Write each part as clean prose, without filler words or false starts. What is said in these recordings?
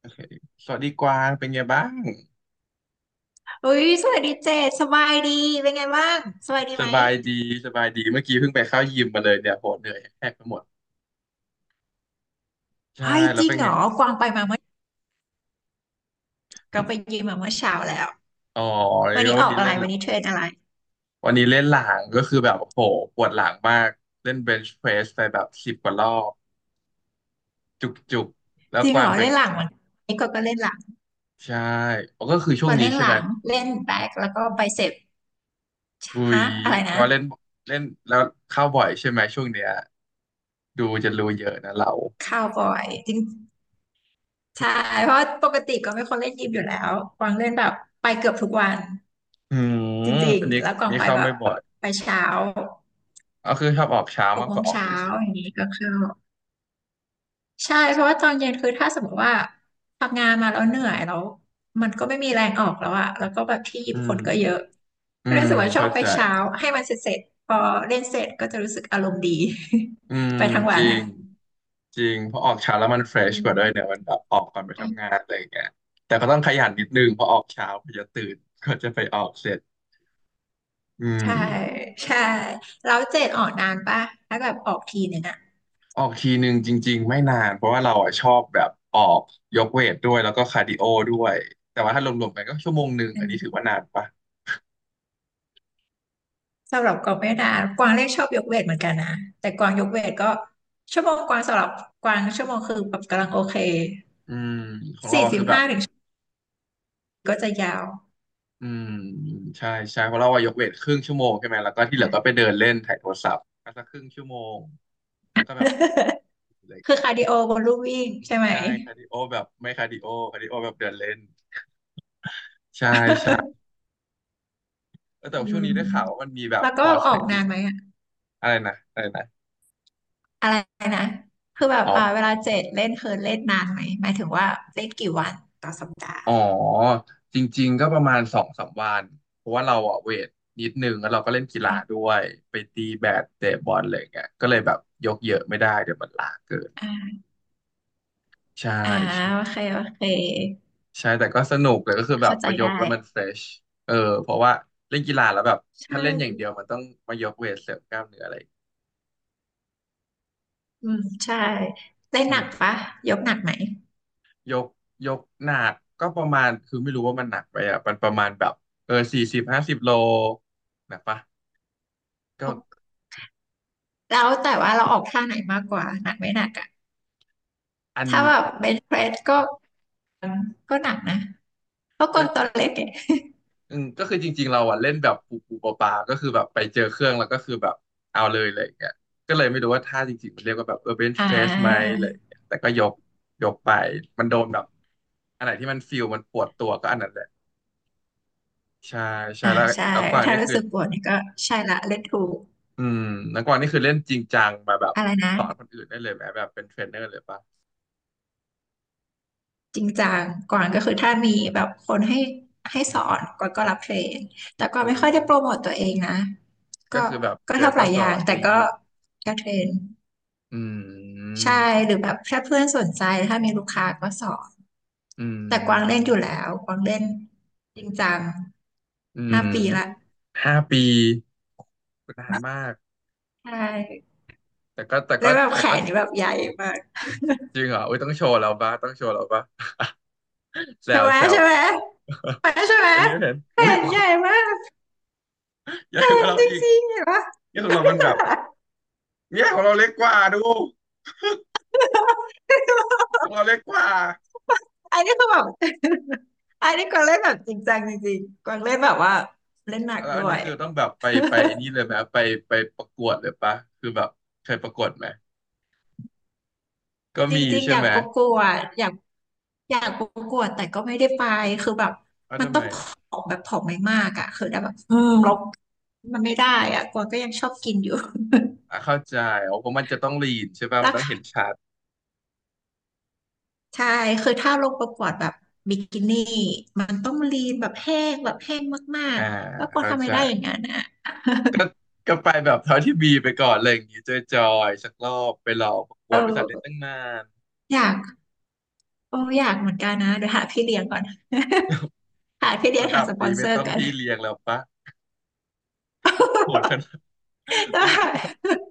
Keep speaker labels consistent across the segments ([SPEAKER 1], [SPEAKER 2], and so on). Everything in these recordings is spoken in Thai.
[SPEAKER 1] โอเคสวัสดีกวางเป็นไงบ้าง
[SPEAKER 2] เฮ้ยสวัสดีเจษสบายดีเป็นไงบ้างสบายดี
[SPEAKER 1] ส
[SPEAKER 2] ไหม
[SPEAKER 1] บายดีสบายดีเมื่อกี้เพิ่งไปเข้ายิมมาเลยเนี่ยโหเหนื่อยแทบไปหมดใช่
[SPEAKER 2] ไอ้ย
[SPEAKER 1] แล้
[SPEAKER 2] จ
[SPEAKER 1] ว
[SPEAKER 2] ริง
[SPEAKER 1] เป็น
[SPEAKER 2] เหร
[SPEAKER 1] ไง
[SPEAKER 2] อกวางไปมาเมื่อกวางไปยิมมาเมื่อเช้าแล้ว
[SPEAKER 1] อ๋อ
[SPEAKER 2] วัน
[SPEAKER 1] แล้ว
[SPEAKER 2] นี้
[SPEAKER 1] วั
[SPEAKER 2] อ
[SPEAKER 1] น
[SPEAKER 2] อก
[SPEAKER 1] นี้
[SPEAKER 2] อะไร
[SPEAKER 1] เล่นเหร
[SPEAKER 2] วั
[SPEAKER 1] อ
[SPEAKER 2] นนี้เทรนอะไร
[SPEAKER 1] วันนี้เล่นหลังก็คือแบบโหปวดหลังมากเล่นเบนช์เพรสไปแบบ10 กว่ารอบจุกจุกแล้ว
[SPEAKER 2] จริง
[SPEAKER 1] ก
[SPEAKER 2] เห
[SPEAKER 1] วา
[SPEAKER 2] ร
[SPEAKER 1] ง
[SPEAKER 2] อ
[SPEAKER 1] เป็น
[SPEAKER 2] เล่นหลังวันนี้กวางก็เล่นหลัง
[SPEAKER 1] ใช่อ๋อก็คือช่
[SPEAKER 2] ก
[SPEAKER 1] วง
[SPEAKER 2] วาง
[SPEAKER 1] นี้
[SPEAKER 2] เล่น
[SPEAKER 1] ใช่
[SPEAKER 2] ห
[SPEAKER 1] ไหม
[SPEAKER 2] ลังเล่นแบ็คแล้วก็ไบเซป
[SPEAKER 1] อุ้ย
[SPEAKER 2] ฮะอะไร
[SPEAKER 1] แปล
[SPEAKER 2] นะ
[SPEAKER 1] ว่าเล่นเล่นแล้วเข้าบ่อยใช่ไหมช่วงเนี้ยดูจะรู้เยอะนะเรา
[SPEAKER 2] คาวบอยจริงใช่เพราะปกติกวางเป็นคนเล่นยิมอยู่แล้วกวางเล่นแบบไปเกือบทุกวัน
[SPEAKER 1] อืม
[SPEAKER 2] จริง
[SPEAKER 1] อันนี้
[SPEAKER 2] ๆแล้วก
[SPEAKER 1] อัน
[SPEAKER 2] วาง
[SPEAKER 1] นี้
[SPEAKER 2] ไป
[SPEAKER 1] เข้า
[SPEAKER 2] แบ
[SPEAKER 1] ไม่
[SPEAKER 2] บ
[SPEAKER 1] บ่อย
[SPEAKER 2] ไปเช้า
[SPEAKER 1] ก็คือชอบออกเช้า
[SPEAKER 2] หก
[SPEAKER 1] มาก
[SPEAKER 2] โม
[SPEAKER 1] ก
[SPEAKER 2] ง
[SPEAKER 1] ว่าออก
[SPEAKER 2] เช้า
[SPEAKER 1] เย็นสุด
[SPEAKER 2] อย่างนี้ก็เข้า ใช่เพราะว่าตอนเย็นคือถ้าสมมติว่าทำงานมาแล้วเหนื่อยแล้วมันก็ไม่มีแรงออกแล้วอะแล้วก็แบบที่หยิ
[SPEAKER 1] อื
[SPEAKER 2] บค
[SPEAKER 1] ม
[SPEAKER 2] นก็เยอะ
[SPEAKER 1] อื
[SPEAKER 2] รู้
[SPEAKER 1] ม
[SPEAKER 2] สึกว่าชอ
[SPEAKER 1] เข้า
[SPEAKER 2] บไป
[SPEAKER 1] ใจ
[SPEAKER 2] เช้าให้มันเสร็จๆพอเล่นเสร็จก็จะรู้สึกอารมณ์ดี
[SPEAKER 1] อืม
[SPEAKER 2] ไปทั้ง
[SPEAKER 1] จ
[SPEAKER 2] วัน
[SPEAKER 1] ริงจริงเพราะออกเช้าแล้วมันเฟร
[SPEAKER 2] อื
[SPEAKER 1] ชกว่าด้วยเนี่ย
[SPEAKER 2] ม
[SPEAKER 1] มันแบบออกก่อนไปทำงานอะไรอย่างเงี้ยแต่ก็ต้องขยันนิดนึงเพราะออกเช้าพอจะตื่นก็จะไปออกเสร็จอื
[SPEAKER 2] ใช่
[SPEAKER 1] ม
[SPEAKER 2] ใช่แล้วเจ็ดออกนานป่ะถ้าแบบออกทีหนึ่งอะ
[SPEAKER 1] ออกทีหนึ่งจริงๆไม่นานเพราะว่าเราอ่ะชอบแบบออกยกเวทด้วยแล้วก็คาร์ดิโอด้วยแต่ว่าถ้ารวมๆกันก็1 ชั่วโมง
[SPEAKER 2] อื
[SPEAKER 1] อันนี้ถือ
[SPEAKER 2] ม
[SPEAKER 1] ว่านานปะ
[SPEAKER 2] สำหรับกวางไม่นานกวางเล่นชอบยกเวทเหมือนกันนะแต่กวางยกเวทก็ชั่วโมงกวางสำหรับกวางชั่วโมงคือแบบกำลังโอเค
[SPEAKER 1] อืมของเรา
[SPEAKER 2] สี่
[SPEAKER 1] อะ
[SPEAKER 2] สิ
[SPEAKER 1] คื
[SPEAKER 2] บ
[SPEAKER 1] อแบบ
[SPEAKER 2] ห้า ก็จะยาว
[SPEAKER 1] อืมใช่ใช่เพราะเราว่ายกเวทครึ่งชั่วโมงใช่ไหมแล้วก็ที่เหลือก็ไป
[SPEAKER 2] ค่ะ
[SPEAKER 1] เดินเล่นถ่ายโทรศัพท์ก็สักครึ่งชั่วโมงแล้วก็แบบเลย
[SPEAKER 2] คือ
[SPEAKER 1] แกะ
[SPEAKER 2] คาร์ดิโอบนลู่วิ่งใช่ไหม
[SPEAKER 1] ใช่คาร์ดิโอแบบไม่คาร์ดิโอคาร์ดิโอแบบเดินเล่นใช่ใช่ แล้วแต่
[SPEAKER 2] อื
[SPEAKER 1] ว่าช่วง
[SPEAKER 2] ม
[SPEAKER 1] นี้ได้ข่าวว่ามันมีแบบ
[SPEAKER 2] แล้ว
[SPEAKER 1] ค
[SPEAKER 2] ก็
[SPEAKER 1] อร์ส
[SPEAKER 2] อ
[SPEAKER 1] เท
[SPEAKER 2] อ
[SPEAKER 1] ร
[SPEAKER 2] ก
[SPEAKER 1] น
[SPEAKER 2] นา
[SPEAKER 1] นิ่ง
[SPEAKER 2] นไหมอะ
[SPEAKER 1] อะไรนะอะไรนะ
[SPEAKER 2] อะไรนะคือแบบ
[SPEAKER 1] อ๋
[SPEAKER 2] อ่าเว
[SPEAKER 1] อ
[SPEAKER 2] ลาเจ็ดเล่นคือเล่นนานไหมหมายถึงว่าเล่นกี่วันต่อสัปดาห์
[SPEAKER 1] อ๋อจริงๆก็ประมาณ2-3 วันเพราะว่าเราอะเวทนิดนึงแล้วเราก็เล่นกีฬาด้วยไปตีแบดเตะบอลอะไรอย่างเงี้ยก็เลยแบบยกเยอะไม่ได้เดี๋ยวมันล้าเกิน
[SPEAKER 2] อ่า
[SPEAKER 1] ใช่
[SPEAKER 2] อ่าโอเคโอเค
[SPEAKER 1] ใช่แต่ก็สนุกแต่ก็คือแบบ
[SPEAKER 2] เข้า
[SPEAKER 1] พ
[SPEAKER 2] ใจ
[SPEAKER 1] อยก
[SPEAKER 2] ได้
[SPEAKER 1] แล้วมันเฟรชเออเพราะว่าเล่นกีฬาแล้วแบบ
[SPEAKER 2] ใช
[SPEAKER 1] ถ้าเล่นอย่าง
[SPEAKER 2] ่
[SPEAKER 1] เดียวมันต้องมายกเวทเสริมกล้ามเนื้ออะไร
[SPEAKER 2] อืมใช่เล่น
[SPEAKER 1] อื
[SPEAKER 2] หนั
[SPEAKER 1] ม
[SPEAKER 2] กปะยกหนักไหม
[SPEAKER 1] ยกยกหนักก็ประมาณคือไม่รู้ว่ามันหนักไปอ่ะมันประมาณแบบ40-50 โลหนักปะก็
[SPEAKER 2] แล้วแต่ว่าเราออกท่าไหนมากกว่าหนักไม่หนักอะ
[SPEAKER 1] อัน
[SPEAKER 2] ถ้า
[SPEAKER 1] นี้
[SPEAKER 2] แบบเบนช์เพรสก็ก็หนักนะก็ก
[SPEAKER 1] ก็
[SPEAKER 2] ดตัวเล็กอะ
[SPEAKER 1] อืมก็คือจริงๆเราอ่ะเล่นแบบปูปูปลาปลาก็คือแบบไปเจอเครื่องแล้วก็คือแบบเอาเลยอะไรอย่างเงี้ยก็เลยไม่รู้ว่าท่าจริงๆมันเรียกว่าแบบเบนช์
[SPEAKER 2] อ่
[SPEAKER 1] เฟสไหม
[SPEAKER 2] า
[SPEAKER 1] อะไรอย่างเงี้ยแต่ก็ยกไปมันโดนแบบ อันไหนที่มันฟิลมันปวดตัวก็อันนั้นแหละใช่ใช่
[SPEAKER 2] อ่า
[SPEAKER 1] แล้ว
[SPEAKER 2] ใช่
[SPEAKER 1] แล้วกวาง
[SPEAKER 2] ถ้า
[SPEAKER 1] นี่
[SPEAKER 2] รู้
[SPEAKER 1] คือ
[SPEAKER 2] สึกปวดเนี่ยก็ใช่ละเล่นถูก
[SPEAKER 1] อืมแล้วกวางนี่คือเล่นจริงจังมาแบบ
[SPEAKER 2] อะไรนะ
[SPEAKER 1] สอนคนอื่นได้เลยไหมแบบเป็นเทรนเนอร์เลยปะ
[SPEAKER 2] จริงจังก่อนก็คื
[SPEAKER 1] อื
[SPEAKER 2] อ
[SPEAKER 1] ม
[SPEAKER 2] ถ้ามีแบบคนให้สอนก่อนก็รับเทรนแต่ก็ไม่
[SPEAKER 1] เฮ้
[SPEAKER 2] ค่
[SPEAKER 1] ย
[SPEAKER 2] อยได้โปรโมทตัวเองนะก็
[SPEAKER 1] ก็คือแบบ
[SPEAKER 2] ก็
[SPEAKER 1] เจอ
[SPEAKER 2] ทำห
[SPEAKER 1] ก็
[SPEAKER 2] ลาย
[SPEAKER 1] ส
[SPEAKER 2] อ
[SPEAKER 1] อ
[SPEAKER 2] ย่าง
[SPEAKER 1] น
[SPEAKER 2] แต่
[SPEAKER 1] ได้
[SPEAKER 2] ก็
[SPEAKER 1] ยิม
[SPEAKER 2] ก็เทรน
[SPEAKER 1] อืม
[SPEAKER 2] ใช่หรือแบบถ้าเพื่อนสนใจถ้ามีลูกค้าก็สอน
[SPEAKER 1] อื
[SPEAKER 2] แต่กวางเล่นอ
[SPEAKER 1] ม
[SPEAKER 2] ยู่แล้วกวางเล่นจริงจัง
[SPEAKER 1] อื
[SPEAKER 2] ห้า
[SPEAKER 1] ม
[SPEAKER 2] ปีละ
[SPEAKER 1] 5 ปีนานมาก
[SPEAKER 2] ใช่
[SPEAKER 1] แต่ก็แต่
[SPEAKER 2] แล้
[SPEAKER 1] ก็
[SPEAKER 2] วแบบ
[SPEAKER 1] แต่
[SPEAKER 2] แข
[SPEAKER 1] ก็
[SPEAKER 2] นนี่แบบใหญ่มาก
[SPEAKER 1] จริงเหรออุ้ยต้องโชว์เราบ้าต้องโชว์เราบ้า แซ
[SPEAKER 2] ใช่
[SPEAKER 1] ว
[SPEAKER 2] ไหม
[SPEAKER 1] แซว
[SPEAKER 2] ใช่ไหมใช่ไหม
[SPEAKER 1] อันนี้ไม่เห็น
[SPEAKER 2] แข
[SPEAKER 1] อุ้ย
[SPEAKER 2] น ใหญ่มาก
[SPEAKER 1] ใหญ่กว่าเรา
[SPEAKER 2] จ
[SPEAKER 1] อีก
[SPEAKER 2] ริงๆเห็นปะ
[SPEAKER 1] เนี่ยของเรามันแบบ เนี่ยของเราเล็กกว่าดูของเราเล็กกว่า
[SPEAKER 2] อันนี้คือแบบ อันนี้กวางเล่นแบบจริงจังจริงๆกวางเล่นแบบว่าเล่นหนัก
[SPEAKER 1] แล้ว
[SPEAKER 2] ด้
[SPEAKER 1] อัน
[SPEAKER 2] ว
[SPEAKER 1] นี้
[SPEAKER 2] ย
[SPEAKER 1] คือต้องแบบไปไปไอัน นี้เลยไหมไปไปประกวดเลยปะคือแบบเคยประกวดไหมก็
[SPEAKER 2] จ
[SPEAKER 1] มี
[SPEAKER 2] ริงๆ
[SPEAKER 1] ใช่
[SPEAKER 2] อยา
[SPEAKER 1] ไห
[SPEAKER 2] ก
[SPEAKER 1] ม
[SPEAKER 2] ประกวดอยากประกวดแต่ก็ไม่ได้ไปคือแบบ
[SPEAKER 1] ว่า
[SPEAKER 2] มัน
[SPEAKER 1] ทำ
[SPEAKER 2] ต้
[SPEAKER 1] ไม
[SPEAKER 2] องผ
[SPEAKER 1] อะ
[SPEAKER 2] อมแบบผอมไม่มากอ่ะคือได้แบบอืมลดมันไม่ได้อ่ะกวางก็ยังชอบกินอยู่
[SPEAKER 1] อ่ะเข้าใจอ๋อเพราะมันจะต้องลีนใช่ปะ มัน
[SPEAKER 2] รา
[SPEAKER 1] ต้อง
[SPEAKER 2] คา
[SPEAKER 1] เห็นชัด
[SPEAKER 2] ใช่คือถ้าลงประกวดแบบบิกินี่มันต้องลีนแบบแห้งแบบแห้งมา
[SPEAKER 1] อ่า
[SPEAKER 2] กๆแล้วกวาง
[SPEAKER 1] เข้า
[SPEAKER 2] ทำ
[SPEAKER 1] ใจ
[SPEAKER 2] ไม่ได้อย่างนั้นอ่ะ
[SPEAKER 1] ก็ ก็ไปแบบเท่าที่มีไปก่อนอะไรอย่างงี้จอยๆสักรอบไปลองประกวดบริษัทเล่น
[SPEAKER 2] เออ
[SPEAKER 1] ตั้งนาน
[SPEAKER 2] อยากเอออยากเหมือนกันนะเดี๋ยวหาพี่เลี้ยงก่อน หาพี่เลี้ยง
[SPEAKER 1] ระ
[SPEAKER 2] หา
[SPEAKER 1] ดับ
[SPEAKER 2] สปอ
[SPEAKER 1] นี้
[SPEAKER 2] นเซ
[SPEAKER 1] ไม่
[SPEAKER 2] อ
[SPEAKER 1] ต้
[SPEAKER 2] ร์
[SPEAKER 1] อง
[SPEAKER 2] กัน
[SPEAKER 1] พี่เลี้ยงแล้วปะโหดขนาด
[SPEAKER 2] ได้ ไหา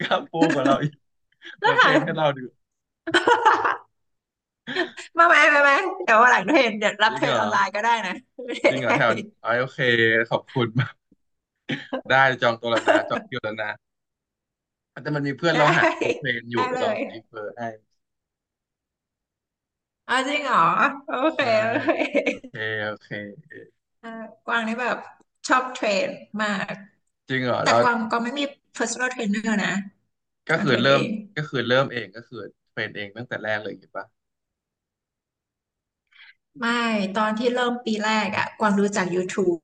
[SPEAKER 1] กล้ามปูกว่าเราอีก
[SPEAKER 2] ้
[SPEAKER 1] มาเทรนให้เรา
[SPEAKER 2] หา
[SPEAKER 1] ดู
[SPEAKER 2] มาไหมมาไหมเดี๋ยววันหลังเทรนเดี๋ยวรั
[SPEAKER 1] จ
[SPEAKER 2] บ
[SPEAKER 1] ริง
[SPEAKER 2] เทร
[SPEAKER 1] เหร
[SPEAKER 2] น
[SPEAKER 1] อ
[SPEAKER 2] ออนไลน์ก็ได้นะ
[SPEAKER 1] จริงเหรอแถว อ๋อโอเคขอบคุณ ได้จองตัวแล้วนะจองคิวแล้วนะแต่มันมีเพื่อน
[SPEAKER 2] ได้
[SPEAKER 1] เราหาโคเพลนอยู่
[SPEAKER 2] ได้
[SPEAKER 1] เดี๋ยว
[SPEAKER 2] ได้
[SPEAKER 1] เรา
[SPEAKER 2] เล
[SPEAKER 1] ซี
[SPEAKER 2] ย
[SPEAKER 1] เฟอร์ให้
[SPEAKER 2] เอาจริงเหรอโอเค
[SPEAKER 1] ได้
[SPEAKER 2] โอเ
[SPEAKER 1] โอเค
[SPEAKER 2] ค
[SPEAKER 1] โอเค
[SPEAKER 2] เออกวางนี่แบบชอบเทรนมาก
[SPEAKER 1] จริงเหรอ
[SPEAKER 2] แต่
[SPEAKER 1] เรา
[SPEAKER 2] กวางก็ไม่มี personal trainer นะ
[SPEAKER 1] ก็
[SPEAKER 2] กวาง
[SPEAKER 1] คื
[SPEAKER 2] เท
[SPEAKER 1] อ
[SPEAKER 2] รน
[SPEAKER 1] เริ่
[SPEAKER 2] เอ
[SPEAKER 1] ม
[SPEAKER 2] ง
[SPEAKER 1] ก็คือเริ่มเองก็คือเทรนเองตั้งแต่แรกเลยเห็นปะ
[SPEAKER 2] ไม่ตอนที่เริ่มปีแรกอะกวางรู้จัก YouTube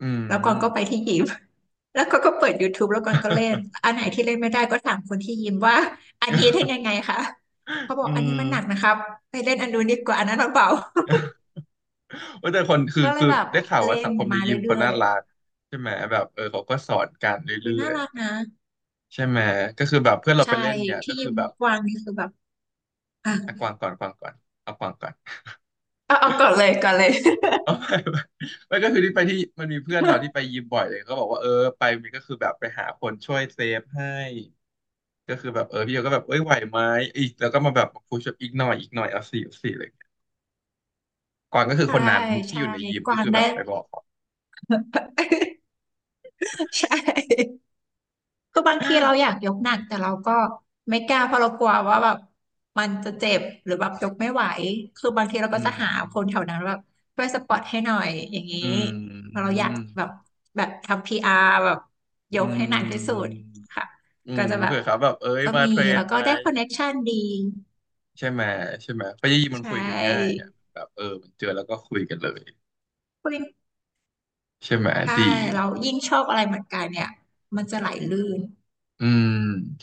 [SPEAKER 1] อื
[SPEAKER 2] แล้วกวางก็ไป
[SPEAKER 1] ม
[SPEAKER 2] ที่ยิม แล้วก็เปิด YouTube แล้วกวางก็เล่นอันไหนที่เล่นไม่ได้ก็ถามคนที่ยิมว่าอันนี้เล่น ยังไงคะเขาบอ
[SPEAKER 1] อื
[SPEAKER 2] กอันนี้มันหนัก
[SPEAKER 1] ม
[SPEAKER 2] นะครับไปเล่นอันนู้นดีกว่าอันนั้นมันเบา
[SPEAKER 1] เว่าแต่คนคือ
[SPEAKER 2] ก็เลย
[SPEAKER 1] คือ
[SPEAKER 2] แบบ
[SPEAKER 1] ได้ข่าว
[SPEAKER 2] เล่
[SPEAKER 1] ว่าสั
[SPEAKER 2] น
[SPEAKER 1] งคมใน
[SPEAKER 2] มา
[SPEAKER 1] ยิมเขา
[SPEAKER 2] เรื่อ
[SPEAKER 1] น่า
[SPEAKER 2] ย
[SPEAKER 1] รักใช่ไหมแบบเขาก็สอนกัน
[SPEAKER 2] ๆมั
[SPEAKER 1] เรื่
[SPEAKER 2] น
[SPEAKER 1] อ
[SPEAKER 2] น่า
[SPEAKER 1] ย
[SPEAKER 2] รักนะ
[SPEAKER 1] ๆใช่ไหมก็คือแบบเพื่อนเราไป
[SPEAKER 2] ใช่
[SPEAKER 1] เล่นเนี่ย
[SPEAKER 2] ที่
[SPEAKER 1] ก็
[SPEAKER 2] ยิ
[SPEAKER 1] คือ
[SPEAKER 2] ม
[SPEAKER 1] แบบ
[SPEAKER 2] กวางนี่คือแบบ อ่ะ
[SPEAKER 1] อ่ะกวางก่อนกวางก่อนเอากวางก่อน
[SPEAKER 2] เอาก่อนเลยก่อนเลย
[SPEAKER 1] เอาไปไปไม่ก็คือที่ไปที่มันมีเพื่อนเราที่ไปยิมบ่อยเลยก็บอกว่าไปมันก็คือแบบไปหาคนช่วยเซฟให้ก็คือแบบพี่โยก็แบบเอ้ยไหวไหมอีกแล้วก็มาแบบพูชอีกหน่อยอีกหน่อยเอา 4 เอา 4เลยก่อนก็คื อค
[SPEAKER 2] ใช่
[SPEAKER 1] นนั้นที่อ
[SPEAKER 2] ใช่
[SPEAKER 1] ยู่ในยิม
[SPEAKER 2] ก
[SPEAKER 1] ก็
[SPEAKER 2] วา
[SPEAKER 1] คื
[SPEAKER 2] ง
[SPEAKER 1] อแบ
[SPEAKER 2] ได้
[SPEAKER 1] บไปบอก เขา
[SPEAKER 2] ใช่ คือบางทีเราอยากยกหนักแต่เราก็ไม่กล้าเพราะเรากลัวว่าแบบมันจะเจ็บหรือแบบยกไม่ไหวคือบางทีเรา
[SPEAKER 1] อื
[SPEAKER 2] ก็จะหาค
[SPEAKER 1] ม
[SPEAKER 2] นแถวนั้นแบบช่วยสปอร์ตให้หน่อยอย่างนี้
[SPEAKER 1] อื
[SPEAKER 2] เพราะเรา
[SPEAKER 1] ม
[SPEAKER 2] อยากแบบแบบทำพีอาร์แบบย
[SPEAKER 1] อื
[SPEAKER 2] กให้หนักที่สุด
[SPEAKER 1] ม
[SPEAKER 2] ค่ะ
[SPEAKER 1] อื
[SPEAKER 2] ก็
[SPEAKER 1] ม
[SPEAKER 2] จะแบบ
[SPEAKER 1] เผื่อเขาแบบเอ้ย
[SPEAKER 2] ก็
[SPEAKER 1] มา
[SPEAKER 2] มี
[SPEAKER 1] เทร
[SPEAKER 2] แล้
[SPEAKER 1] น
[SPEAKER 2] วก็
[SPEAKER 1] ไหม
[SPEAKER 2] ได้คอนเน็กชันดี
[SPEAKER 1] ใช่ไหมใช่ไหมไปยิมมัน
[SPEAKER 2] ใช
[SPEAKER 1] คุยกันง่าย
[SPEAKER 2] ่
[SPEAKER 1] อะแบบมันเจอแล้วก็คุยกันเลย
[SPEAKER 2] คุณ
[SPEAKER 1] ใช่ไหม
[SPEAKER 2] ใช่
[SPEAKER 1] ดี
[SPEAKER 2] เรายิ่งชอบอะไรเหมือนกันเนี่ยมันจะไหลลื่น
[SPEAKER 1] อืม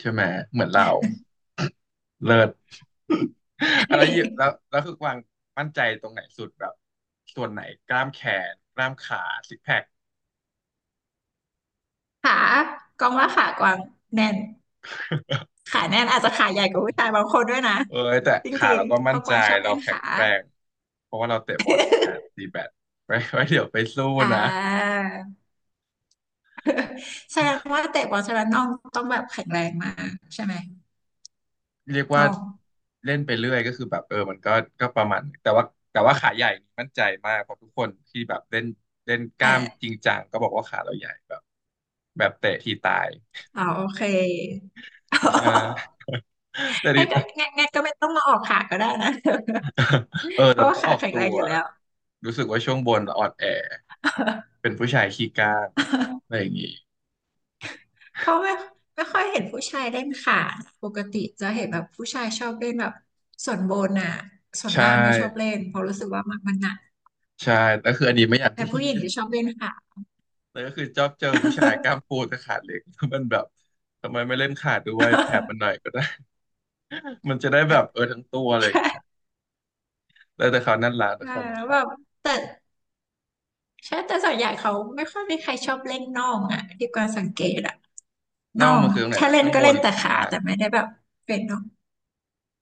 [SPEAKER 1] ใช่ไหมเหมือนเรา เลิศอะไรเยอะแล้วคือกวางมั่นใจตรงไหนสุดแบบส่วนไหนกล้ามแขนกล้ามขาซิกแพค
[SPEAKER 2] ขากองว่าขากวางแน่น ขาแน่นอาจจะขาใหญ่กว่าผู้ชายบางคนด้วยนะ
[SPEAKER 1] เออแต่
[SPEAKER 2] จ
[SPEAKER 1] ขา
[SPEAKER 2] ริง
[SPEAKER 1] เราก็
[SPEAKER 2] ๆเพ
[SPEAKER 1] มั่น
[SPEAKER 2] ราะก
[SPEAKER 1] ใจ
[SPEAKER 2] วางชอบ
[SPEAKER 1] เรา
[SPEAKER 2] เล่น
[SPEAKER 1] แข็ง
[SPEAKER 2] ขา
[SPEAKER 1] แกรงเพราะว่าเราเตะบอลกันตีแบดไว้เดี๋ยวไปสู้
[SPEAKER 2] อ่า
[SPEAKER 1] นะ
[SPEAKER 2] แสดงว่าเตะบอลใช่ไหมน้องต้องแบบแข็งแรงมากใช่ไหม
[SPEAKER 1] เรียกว่า
[SPEAKER 2] น้อง
[SPEAKER 1] เล่นไปเรื่อยก็คือแบบมันก็ประมาณนึงแต่ว่าขาใหญ่นี่มั่นใจมากเพราะทุกคนที่แบบเล่นเล่นกล้าม
[SPEAKER 2] อ่า
[SPEAKER 1] จริงจังก็บอกว่าขาเราใหญ่แบบแบบเตะทีตาย
[SPEAKER 2] อ๋อโอเค
[SPEAKER 1] ใช่ หมแต่ที
[SPEAKER 2] งั้น
[SPEAKER 1] ต
[SPEAKER 2] ก็งั้นงั้นก็ไม่ต้องมาออกขาก็ได้นะ เพ
[SPEAKER 1] เดี๋ย
[SPEAKER 2] ราะ
[SPEAKER 1] ว
[SPEAKER 2] ว่า
[SPEAKER 1] ก็อ
[SPEAKER 2] ขา
[SPEAKER 1] อก
[SPEAKER 2] แข็ง
[SPEAKER 1] ตั
[SPEAKER 2] แรง
[SPEAKER 1] ว
[SPEAKER 2] อยู่แล้ว
[SPEAKER 1] รู้สึกว่าช่วงบนเราอ่อนแอเป็นผู้ชายขี้กล้ามอะ ไรอย่างงี้
[SPEAKER 2] เพราะไม่ค่อยเห็นผู้ชายเล่นขาปกติจะเห็นแบบผู้ชายชอบเล่นแบบส่วนบนอ่ะส่วน
[SPEAKER 1] ใช่
[SPEAKER 2] ล่างไม่ชอบเล่นเพราะรู้สึกว่ามันมันหนัก
[SPEAKER 1] ใช่แต่วคืออันนี้ไม่อยากบู
[SPEAKER 2] แต่
[SPEAKER 1] ลลี่
[SPEAKER 2] ผู้หญิงจะชอบเล่นขา
[SPEAKER 1] แต่ก็คือชอบเจอผู้ชายกล้ามปูแต่ขาเล็ก แล้วมันแบบทำไมไม่เล่นขาด้วยแถมมันห น่อยก็ได้ มันจะได้แบบทั้งตัวอะไรอย่างเงี้ย
[SPEAKER 2] ใช่
[SPEAKER 1] แล้วแต่เขานั่นละ
[SPEAKER 2] เอ
[SPEAKER 1] แต่
[SPEAKER 2] อ
[SPEAKER 1] เขานั่น
[SPEAKER 2] แล้วแบ
[SPEAKER 1] ละ
[SPEAKER 2] บแต่ใช่แต่ส่วนใหญ่เขาไม่ค่อยมีใครชอบเล่นน่องอ่ะที่กวางสังเกตอ่ะน่
[SPEAKER 1] น่อ
[SPEAKER 2] อ
[SPEAKER 1] ง
[SPEAKER 2] ง
[SPEAKER 1] มันคือตรงไหน
[SPEAKER 2] ถ้า
[SPEAKER 1] นะ
[SPEAKER 2] เล่น
[SPEAKER 1] ข้าง
[SPEAKER 2] ก็
[SPEAKER 1] บ
[SPEAKER 2] เล่
[SPEAKER 1] น
[SPEAKER 2] น
[SPEAKER 1] หรื
[SPEAKER 2] แต่
[SPEAKER 1] อข้าง
[SPEAKER 2] ขา
[SPEAKER 1] ล่าง
[SPEAKER 2] แต่
[SPEAKER 1] นะ
[SPEAKER 2] ไม่ได้แบบเป็นน่อง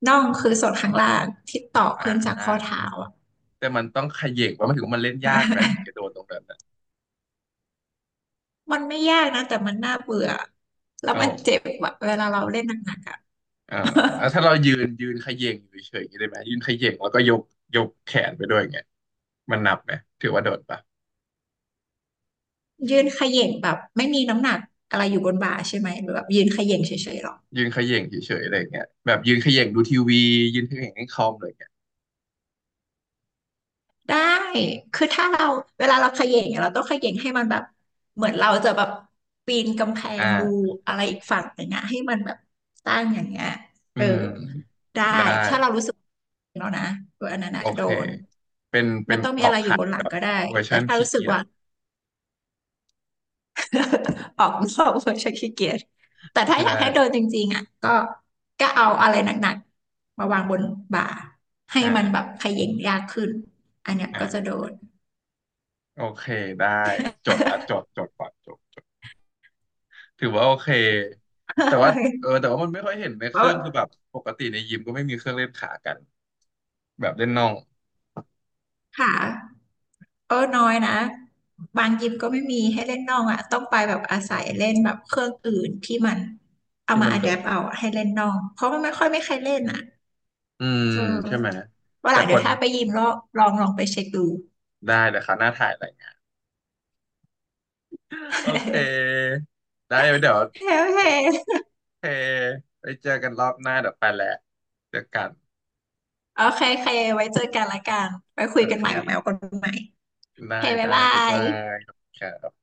[SPEAKER 2] น่องคือส่วนข้างล่างที่ต่อ
[SPEAKER 1] อ่า
[SPEAKER 2] ขึ้นจาก
[SPEAKER 1] อ่า
[SPEAKER 2] ข้อเท้าอ่ะ
[SPEAKER 1] แต่มันต้องเขย่งว่ามันถึงว่ามันเล่นยากไหมถึงจะโดน ตรงนั้นนะ
[SPEAKER 2] มันไม่ยากนะแต่มันน่าเบื่อแล้ว
[SPEAKER 1] อ๋อ
[SPEAKER 2] มันเจ็บอะเวลาเราเล่นหนักๆอ่ะ
[SPEAKER 1] อ่า แล้วถ้าเรายืนเขย่งอยู่เฉยๆอย่างนี้ได้ไหมยืนเขย่งแล้วก็ยกแขนไปด้วยอย่างเงี้ยมันนับไหมถือว่าโดดปะ
[SPEAKER 2] ยืนเขย่งแบบไม่มีน้ำหนักอะไรอยู่บนบ่าใช่ไหมหรือแบบยืนเขย่งเฉยๆหรอ
[SPEAKER 1] ยืนเขย่งเฉยๆอะไรอย่างเงี้ยแบบยืนเขย่งดูทีวียืนเขย่งเล่นคอมอะไรอย่างเงี้ย
[SPEAKER 2] ได้ คือถ้าเราเวลาเราเขย่งเนี่ยเราต้องเขย่งให้มันแบบเหมือนเราจะแบบปีนกำแพ
[SPEAKER 1] อ
[SPEAKER 2] งดู
[SPEAKER 1] ่า
[SPEAKER 2] อะไรอีกฝั่งหนึ่งอะให้มันแบบตั้งอย่างเงี้ย
[SPEAKER 1] อื
[SPEAKER 2] เออ
[SPEAKER 1] ม
[SPEAKER 2] ได้
[SPEAKER 1] ได้
[SPEAKER 2] ถ้าเรารู้สึกแล้วนะตัวอันนั้น
[SPEAKER 1] โอ
[SPEAKER 2] อะโด
[SPEAKER 1] เค
[SPEAKER 2] น
[SPEAKER 1] เป็นเป็
[SPEAKER 2] ไม่
[SPEAKER 1] น
[SPEAKER 2] ต้อง
[SPEAKER 1] ก
[SPEAKER 2] มี
[SPEAKER 1] รอ
[SPEAKER 2] อะ
[SPEAKER 1] ก
[SPEAKER 2] ไรอยู่
[SPEAKER 1] ขัด
[SPEAKER 2] บนหลังก็ได้
[SPEAKER 1] เวอร์
[SPEAKER 2] แต่
[SPEAKER 1] ชัน
[SPEAKER 2] ถ้า
[SPEAKER 1] ขี้
[SPEAKER 2] รู้สึก
[SPEAKER 1] เกียจ
[SPEAKER 2] ว่า ออกนอกเวอร์ชันขี้เกียจแต่ถ้า
[SPEAKER 1] ใช
[SPEAKER 2] อยากให้โดน
[SPEAKER 1] ่
[SPEAKER 2] จริงๆอะก็ก็เอาอะไรหนักๆมาวางบนบ่าให้มันแบบ
[SPEAKER 1] อ่า
[SPEAKER 2] เขย่งยากขึ้นอันเนี้ยก็จะ
[SPEAKER 1] อ่า
[SPEAKER 2] โดน
[SPEAKER 1] โอเคได้จดละจ ดจดก่อนจดถือว่าโอเคแต่ว่าแต่ว่ามันไม่ค่อยเห็นใน
[SPEAKER 2] เพ
[SPEAKER 1] เครื่
[SPEAKER 2] ราะ
[SPEAKER 1] องคือแบบปกติในยิมก็ไม่มีเครื่องเล่นขากันแบบเล่นน่อง
[SPEAKER 2] หาก็น้อยนะบางยิมก็ไม่มีให้เล่นนอกอ่ะต้องไปแบบอาศัยเล่นแบบเครื่องอื่นที่มันเอา
[SPEAKER 1] ที่
[SPEAKER 2] มา
[SPEAKER 1] มัน
[SPEAKER 2] อะ
[SPEAKER 1] แบ
[SPEAKER 2] แด
[SPEAKER 1] บ
[SPEAKER 2] ปเอาอะให้เล่นนอกเพราะมันไม่ค่อยไม่ใครเล่นอ่ะ
[SPEAKER 1] อืม
[SPEAKER 2] เอ
[SPEAKER 1] ใช่ไหม
[SPEAKER 2] อว่าห
[SPEAKER 1] แต่
[SPEAKER 2] ลัง
[SPEAKER 1] ค
[SPEAKER 2] เดี๋ยว
[SPEAKER 1] น
[SPEAKER 2] ถ้าไปยิมลองลองลองไปเช็คดู
[SPEAKER 1] ได้เดี๋ยวคราหน้าถ่ายอะไรเงี้ยโอเค ได้เดี๋ยวโ
[SPEAKER 2] โอเคโอเค
[SPEAKER 1] อเคไปเจอกันรอบหน้าเดี๋ยวไปแหล้วเจอกัน
[SPEAKER 2] โอเคไว้เจอกันละกันไว้คุ
[SPEAKER 1] โอ
[SPEAKER 2] ยกัน
[SPEAKER 1] เค
[SPEAKER 2] ใหม่แบบแมวคนใหม่โอ
[SPEAKER 1] ได้
[SPEAKER 2] เคบ๊าย
[SPEAKER 1] ได้
[SPEAKER 2] บา
[SPEAKER 1] บ๊าย
[SPEAKER 2] ย
[SPEAKER 1] บายครับ